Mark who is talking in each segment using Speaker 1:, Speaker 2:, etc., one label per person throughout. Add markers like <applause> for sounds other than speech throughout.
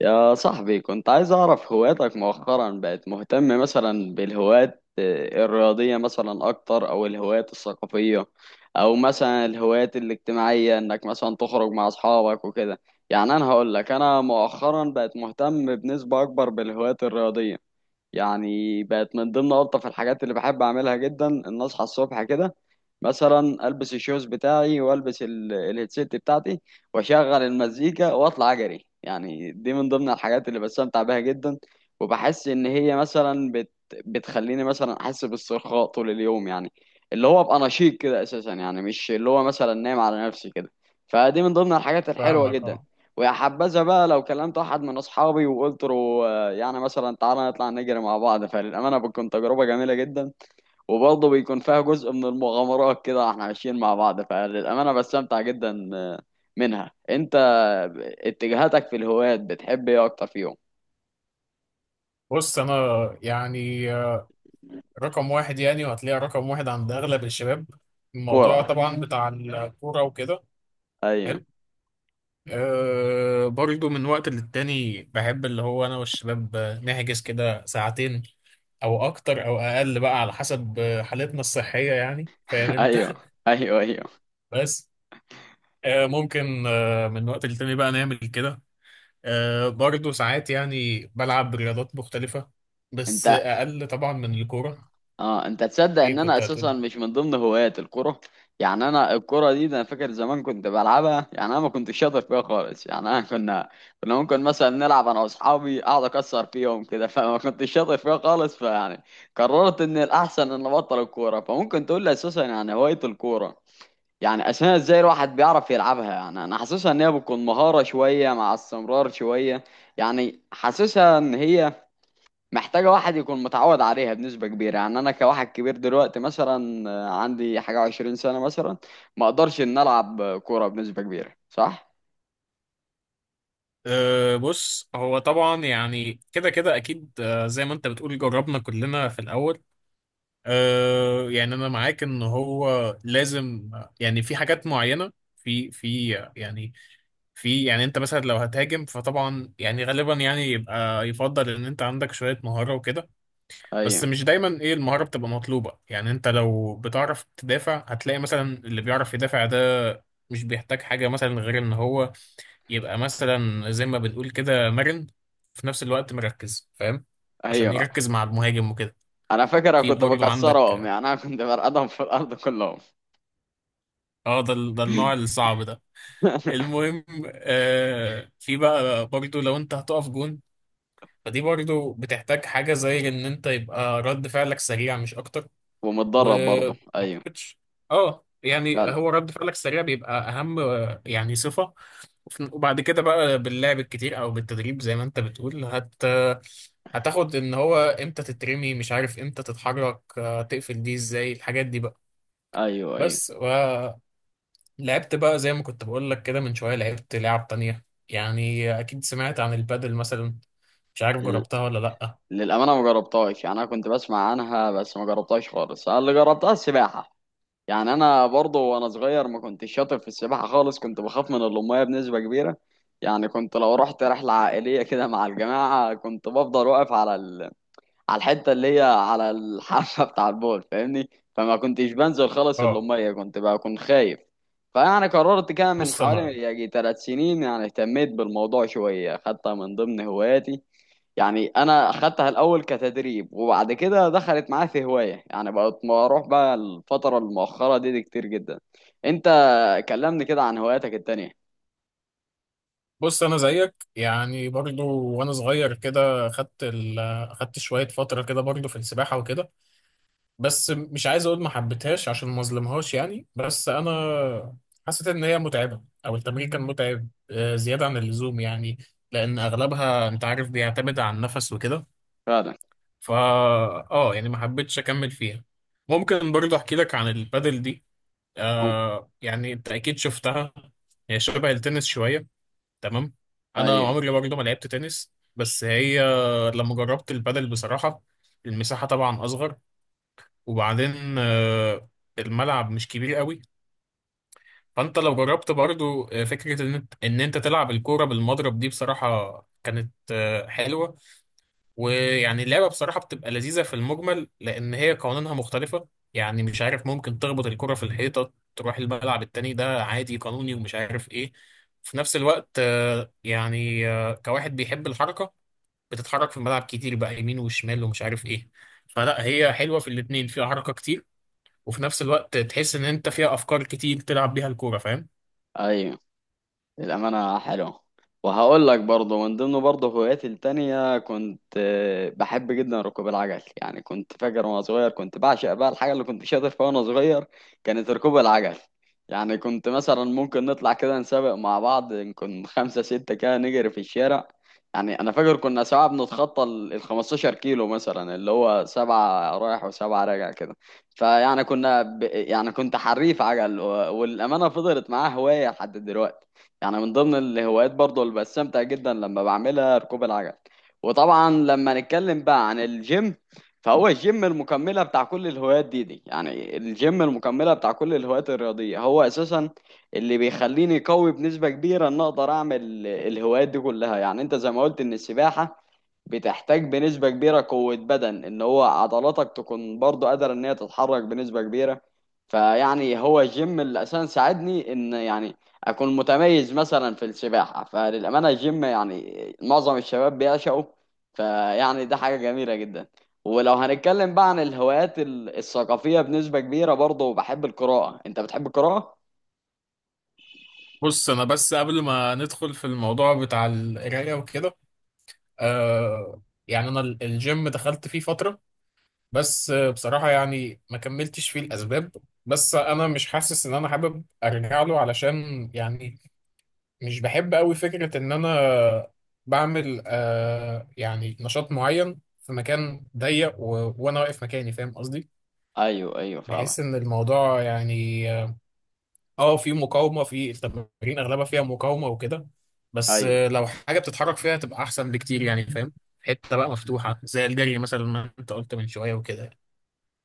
Speaker 1: يا صاحبي، كنت عايز أعرف هواياتك. مؤخرا بقت مهتم مثلا بالهوايات الرياضية مثلا أكتر أو الهوايات الثقافية أو مثلا الهوايات الاجتماعية، إنك مثلا تخرج مع أصحابك وكده. يعني أنا هقول لك، أنا مؤخرا بقت مهتم بنسبة أكبر بالهوايات الرياضية. يعني بقت من ضمن ألطف الحاجات اللي بحب أعملها جدا إن أصحى الصبح كده، مثلا ألبس الشوز بتاعي وألبس الهيدسيت بتاعتي وأشغل المزيكا وأطلع أجري. يعني دي من ضمن الحاجات اللي بستمتع بيها جدا. وبحس إن هي مثلا بتخليني مثلا أحس باسترخاء طول اليوم، يعني اللي هو أبقى نشيط كده أساسا، يعني مش اللي هو مثلا نايم على نفسي كده. فدي من ضمن الحاجات الحلوة
Speaker 2: فاهمك،
Speaker 1: جدا.
Speaker 2: اه.
Speaker 1: ويا حبذا بقى لو كلمت واحد من اصحابي وقلت له يعني مثلا تعالى نطلع نجري مع بعض. فللامانه بتكون تجربه جميله جدا، وبرضه بيكون فيها جزء من المغامرات كده، احنا ماشيين مع بعض. فللامانه بستمتع جدا منها. انت اتجاهاتك في الهوايات بتحب ايه اكتر فيهم؟
Speaker 2: بص انا يعني رقم واحد، يعني وهتلاقي رقم واحد عند اغلب الشباب. الموضوع
Speaker 1: كوره،
Speaker 2: طبعا بتاع الكوره وكده.
Speaker 1: ايوه.
Speaker 2: حلو. أه، برضو من وقت للتاني بحب اللي هو انا والشباب نحجز كده ساعتين او اكتر او اقل بقى على حسب حالتنا الصحيه، يعني فاهم
Speaker 1: <laughs>
Speaker 2: انت.
Speaker 1: ايوه،
Speaker 2: <laughs>
Speaker 1: ايوه، ايوه.
Speaker 2: بس ممكن من وقت للتاني بقى نعمل كده. أه، برضو ساعات يعني بلعب رياضات مختلفه، بس
Speaker 1: انت،
Speaker 2: اقل طبعا من الكوره.
Speaker 1: اه، انت تصدق
Speaker 2: ايه
Speaker 1: ان انا
Speaker 2: كنت
Speaker 1: اساسا
Speaker 2: هتقول؟
Speaker 1: مش من ضمن هوايات الكرة؟ يعني انا الكرة دي، ده انا فاكر زمان كنت بلعبها. يعني انا ما كنتش شاطر فيها خالص. يعني انا كنا ممكن مثلا نلعب انا واصحابي، اقعد اكسر فيهم كده <laughs> فما كنتش شاطر فيها خالص. فيعني قررت ان الاحسن ان ابطل الكورة. فممكن تقول لي اساسا يعني هواية الكورة يعني اساسا ازاي الواحد بيعرف يلعبها؟ يعني انا حاسسها ان هي بتكون مهارة شوية مع استمرار شوية، يعني حاسسها ان هي محتاجة واحد يكون متعود عليها بنسبة كبيرة. يعني أنا كواحد كبير دلوقتي، مثلا عندي حاجة 20 سنة مثلا، ما أقدرش إن ألعب كورة بنسبة كبيرة. صح؟
Speaker 2: أه، بص هو طبعا يعني كده كده اكيد. أه، زي ما انت بتقول جربنا كلنا في الاول. أه يعني انا معاك ان هو لازم. يعني في حاجات معينه في يعني في، يعني انت مثلا لو هتهاجم فطبعا يعني غالبا يعني يبقى يفضل ان انت عندك شويه مهاره وكده. بس
Speaker 1: أيوه،
Speaker 2: مش دايما ايه المهاره بتبقى مطلوبه، يعني انت لو بتعرف تدافع هتلاقي مثلا اللي بيعرف يدافع ده مش بيحتاج حاجه مثلا غير ان هو يبقى مثلا زي ما بنقول كده مرن في نفس الوقت، مركز، فاهم؟ عشان
Speaker 1: أيوه.
Speaker 2: يركز مع المهاجم وكده.
Speaker 1: أنا فاكر أنا
Speaker 2: في
Speaker 1: كنت
Speaker 2: برضو
Speaker 1: بكسرهم.
Speaker 2: عندك.
Speaker 1: يعني أنا كنت برقدهم في الأرض كلهم.
Speaker 2: اه، ده النوع
Speaker 1: <laughs>
Speaker 2: الصعب ده. المهم، في بقى برضو لو انت هتقف جون، فدي برضو بتحتاج حاجة زي ان انت يبقى رد فعلك سريع، مش اكتر. و
Speaker 1: ومتدرب برضه،
Speaker 2: ما
Speaker 1: أيوه.
Speaker 2: أعتقدش- اه يعني
Speaker 1: فعلا،
Speaker 2: هو رد فعلك السريع بيبقى اهم، يعني صفه. وبعد كده بقى باللعب الكتير او بالتدريب زي ما انت بتقول هتاخد ان هو امتى تترمي، مش عارف امتى تتحرك، تقفل، دي ازاي الحاجات دي بقى.
Speaker 1: أيوه، أيوه.
Speaker 2: بس ولعبت بقى زي ما كنت بقول لك كده من شويه لعبت لعب تانية، يعني اكيد سمعت عن البادل مثلا، مش عارف
Speaker 1: ال-
Speaker 2: جربتها ولا لا.
Speaker 1: للأمانة ما جربتهاش. يعني أنا كنت بسمع عنها بس ما جربتهاش خالص. أنا اللي جربتها السباحة. يعني انا برضه وانا صغير ما كنتش شاطر في السباحه خالص. كنت بخاف من الميه بنسبه كبيره. يعني كنت لو رحت رحله عائليه كده مع الجماعه، كنت بفضل واقف على على الحته اللي هي على الحافه <laughs> بتاع البول، فاهمني. فما كنتش بنزل خالص
Speaker 2: اه.
Speaker 1: الميه، كنت بكون خايف. فيعني قررت كده من
Speaker 2: بص انا
Speaker 1: حوالي يجي 3 سنين، يعني اهتميت بالموضوع شويه، خدتها من ضمن هواياتي. يعني انا اخدتها الاول كتدريب وبعد كده دخلت معايا في هوايه. يعني بقت بروح بقى الفتره المؤخره دي كتير جدا. انت، كلمني كده عن هواياتك التانية.
Speaker 2: بص انا زيك يعني، برضو وانا صغير كده خدت شويه فتره كده برضو في السباحه وكده. بس مش عايز اقول ما حبيتهاش عشان ما اظلمهاش، يعني بس انا حسيت ان هي متعبه او التمرين كان متعب زياده عن اللزوم، يعني لان اغلبها انت عارف بيعتمد على النفس وكده.
Speaker 1: فعلا.
Speaker 2: فا اه يعني ما حبيتش اكمل فيها. ممكن برضو احكي لك عن البادل دي،
Speaker 1: أم-
Speaker 2: يعني انت اكيد شفتها، هي شبه التنس شويه. تمام. انا
Speaker 1: ايوه،
Speaker 2: عمري برضه ما لعبت تنس، بس هي لما جربت البادل بصراحه، المساحه طبعا اصغر، وبعدين الملعب مش كبير قوي. فانت لو جربت برضه، فكره ان انت إن إنت تلعب الكوره بالمضرب دي بصراحه كانت حلوه. ويعني اللعبة بصراحة بتبقى لذيذة في المجمل، لأن هي قوانينها مختلفة. يعني مش عارف، ممكن تخبط الكرة في الحيطة تروح الملعب التاني ده عادي قانوني ومش عارف إيه. في نفس الوقت، كواحد بيحب الحركة بتتحرك في الملعب كتير بقى يمين وشمال ومش عارف إيه. فلا، هي حلوة في الاتنين، فيها حركة كتير، وفي نفس الوقت تحس إن أنت فيها أفكار كتير تلعب بيها الكورة، فاهم؟
Speaker 1: ايوه. الأمانة حلو. وهقول لك برضه من ضمن برضه هواياتي التانية، كنت بحب جدا ركوب العجل. يعني كنت فاكر وأنا صغير كنت بعشق بقى، الحاجة اللي كنت شاطر فيها وأنا صغير كانت ركوب العجل. يعني كنت مثلا ممكن نطلع كده نسابق مع بعض، نكون خمسة ستة كده نجري في الشارع. يعني أنا فاكر كنا ساعات بنتخطى ال 15 كيلو مثلا، اللي هو 7 رايح و7 راجع كده. فيعني كنا يعني كنت حريف عجل، والأمانة فضلت معاه هواية لحد دلوقتي. يعني من ضمن الهوايات برضو اللي بستمتع جدا لما بعملها ركوب العجل. وطبعا لما نتكلم بقى عن الجيم، فهو الجيم المكملة بتاع كل الهوايات دي. يعني الجيم المكملة بتاع كل الهوايات الرياضية هو أساسا اللي بيخليني قوي بنسبة كبيرة إن أقدر أعمل الهوايات دي كلها. يعني أنت زي ما قلت إن السباحة بتحتاج بنسبة كبيرة قوة بدن، ان هو عضلاتك تكون برضو قادرة ان هي تتحرك بنسبة كبيرة. فيعني هو الجيم اللي اساسا ساعدني ان يعني اكون متميز مثلا في السباحة. فللأمانة الجيم يعني معظم الشباب بيعشقه. فيعني ده حاجة جميلة جدا. ولو هنتكلم بقى عن الهوايات الثقافية، بنسبة كبيرة برضو بحب القراءة. انت بتحب القراءة؟
Speaker 2: بص أنا بس قبل ما ندخل في الموضوع بتاع القراية وكده، آه، يعني أنا الجيم دخلت فيه فترة، بس بصراحة يعني ما كملتش فيه الأسباب. بس أنا مش حاسس إن أنا حابب أرجع له، علشان يعني مش بحب أوي فكرة إن أنا بعمل يعني نشاط معين في مكان ضيق وأنا واقف مكاني، فاهم قصدي؟
Speaker 1: ايوه، ايوه، فاهمك.
Speaker 2: بحس إن الموضوع يعني، في مقاومة، في التمارين أغلبها فيها مقاومة وكده. بس
Speaker 1: ايوه.
Speaker 2: لو حاجة بتتحرك فيها تبقى أحسن بكتير، يعني فاهم؟ حتة بقى مفتوحة زي الجري مثلا، ما أنت قلت من شوية وكده.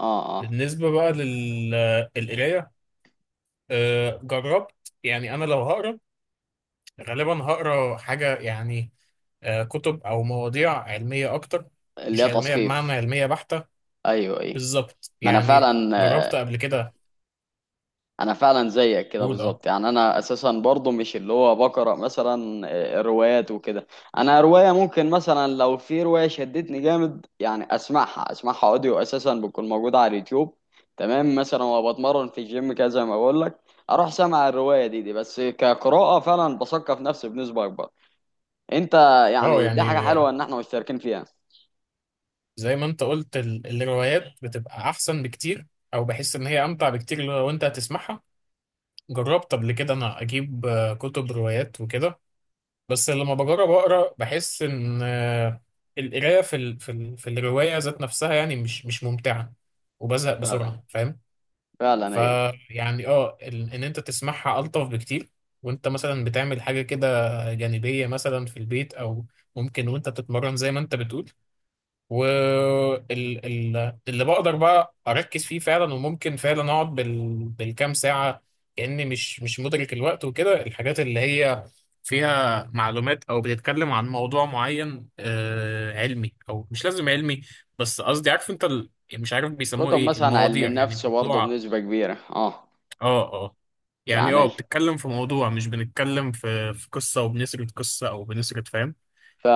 Speaker 1: اه، اه.
Speaker 2: بالنسبة بقى للقراية، جربت. يعني أنا لو هقرا غالبا هقرا حاجة، يعني كتب أو مواضيع علمية أكتر.
Speaker 1: اللي
Speaker 2: مش
Speaker 1: هي
Speaker 2: علمية بمعنى
Speaker 1: تثقيف.
Speaker 2: علمية بحتة،
Speaker 1: ايوه، ايوه.
Speaker 2: بالظبط
Speaker 1: ما انا
Speaker 2: يعني.
Speaker 1: فعلا
Speaker 2: جربت قبل كده.
Speaker 1: انا فعلا زيك كده
Speaker 2: أقول أه.
Speaker 1: بالظبط. يعني انا اساسا برضو مش اللي هو بقرا مثلا روايات وكده. انا روايه ممكن مثلا لو في روايه شدتني جامد، يعني اسمعها، اسمعها اوديو اساسا بتكون موجوده على اليوتيوب تمام، مثلا وبتمرن في الجيم كده زي ما بقول لك، اروح سامع الروايه دي. بس كقراءه، فعلا بثقف نفسي بنسبه اكبر. انت،
Speaker 2: أه
Speaker 1: يعني دي
Speaker 2: يعني
Speaker 1: حاجه حلوه ان احنا مشتركين فيها.
Speaker 2: زي ما أنت قلت الروايات بتبقى أحسن بكتير، أو بحس إن هي أمتع بكتير لو أنت هتسمعها. جربت قبل كده أنا أجيب كتب روايات وكده. بس لما بجرب اقرا بحس ان، القرايه في في الروايه ذات نفسها، يعني مش ممتعه وبزهق
Speaker 1: فعلا،
Speaker 2: بسرعه، فاهم؟
Speaker 1: فعلا، ايوه.
Speaker 2: فيعني اه ان انت تسمعها الطف بكتير، وانت مثلا بتعمل حاجه كده جانبيه مثلا في البيت، او ممكن وانت بتتمرن زي ما انت بتقول. واللي بقدر بقى اركز فيه فعلا، وممكن فعلا اقعد بالكام ساعه كاني مش مدرك الوقت وكده. الحاجات اللي هي فيها معلومات او بتتكلم عن موضوع معين علمي او مش لازم علمي، بس قصدي عارف انت، مش عارف بيسموه
Speaker 1: كتب
Speaker 2: ايه
Speaker 1: مثلا علم
Speaker 2: المواضيع، يعني
Speaker 1: النفس برضه
Speaker 2: الموضوع.
Speaker 1: بنسبه كبيره، اه.
Speaker 2: اه اه يعني اه
Speaker 1: يعني
Speaker 2: بتتكلم في موضوع، مش بنتكلم في قصه وبنسرد قصه او بنسرد، فاهم؟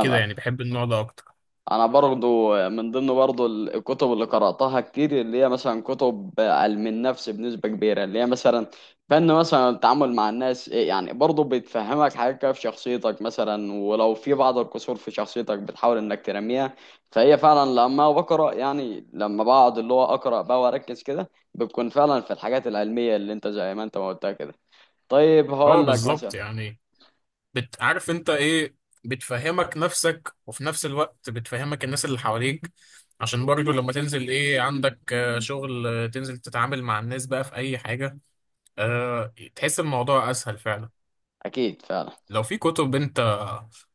Speaker 2: كده يعني بحب النوع ده اكتر.
Speaker 1: انا برضو من ضمن برضو الكتب اللي قرأتها كتير اللي هي مثلا كتب علم النفس بنسبة كبيرة، اللي هي مثلا فن مثلا التعامل مع الناس، إيه يعني برضو بتفهمك حاجات كده في شخصيتك، مثلا ولو في بعض الكسور في شخصيتك بتحاول انك ترميها. فهي فعلا لما بقرأ، يعني لما بقعد اللي هو أقرأ بقى واركز كده، بتكون فعلا في الحاجات العلمية اللي انت زي ما انت ما قلتها كده. طيب
Speaker 2: اه،
Speaker 1: هقول لك مثلا.
Speaker 2: بالظبط يعني. عارف انت ايه، بتفهمك نفسك وفي نفس الوقت بتفهمك الناس اللي حواليك. عشان برضو لما تنزل، ايه عندك شغل، تنزل تتعامل مع الناس بقى في اي حاجة، تحس الموضوع اسهل فعلا.
Speaker 1: اكيد فعلا.
Speaker 2: لو في كتب انت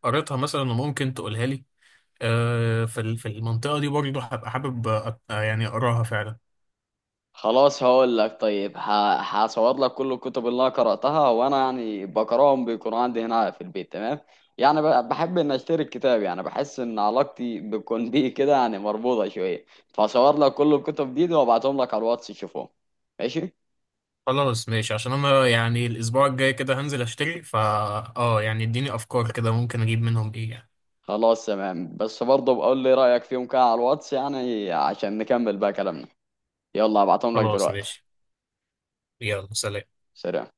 Speaker 2: قريتها مثلا وممكن تقولها لي، في في المنطقة دي برضو هبقى حابب يعني اقراها فعلا.
Speaker 1: خلاص هقول لك، طيب هصور لك كل الكتب اللي انا قراتها، وانا يعني بقراهم بيكون عندي هنا في البيت تمام. يعني بحب ان اشتري الكتاب. يعني بحس ان علاقتي بتكون <laughs> بيه كده يعني مربوطه شويه. فصور لك كل الكتب دي وابعتهم لك على الواتس تشوفهم. ماشي.
Speaker 2: خلاص ماشي، عشان انا يعني الاسبوع الجاي كده هنزل اشتري، اه يعني اديني افكار كده ممكن اجيب منهم ايه يعني.
Speaker 1: خلاص تمام، بس برضه بقول لي رايك فيهم كده على الواتس، يعني عشان نكمل بقى كلامنا. يلا ابعتهم لك
Speaker 2: خلاص
Speaker 1: دلوقتي.
Speaker 2: ماشي. يلا سلام.
Speaker 1: سلام.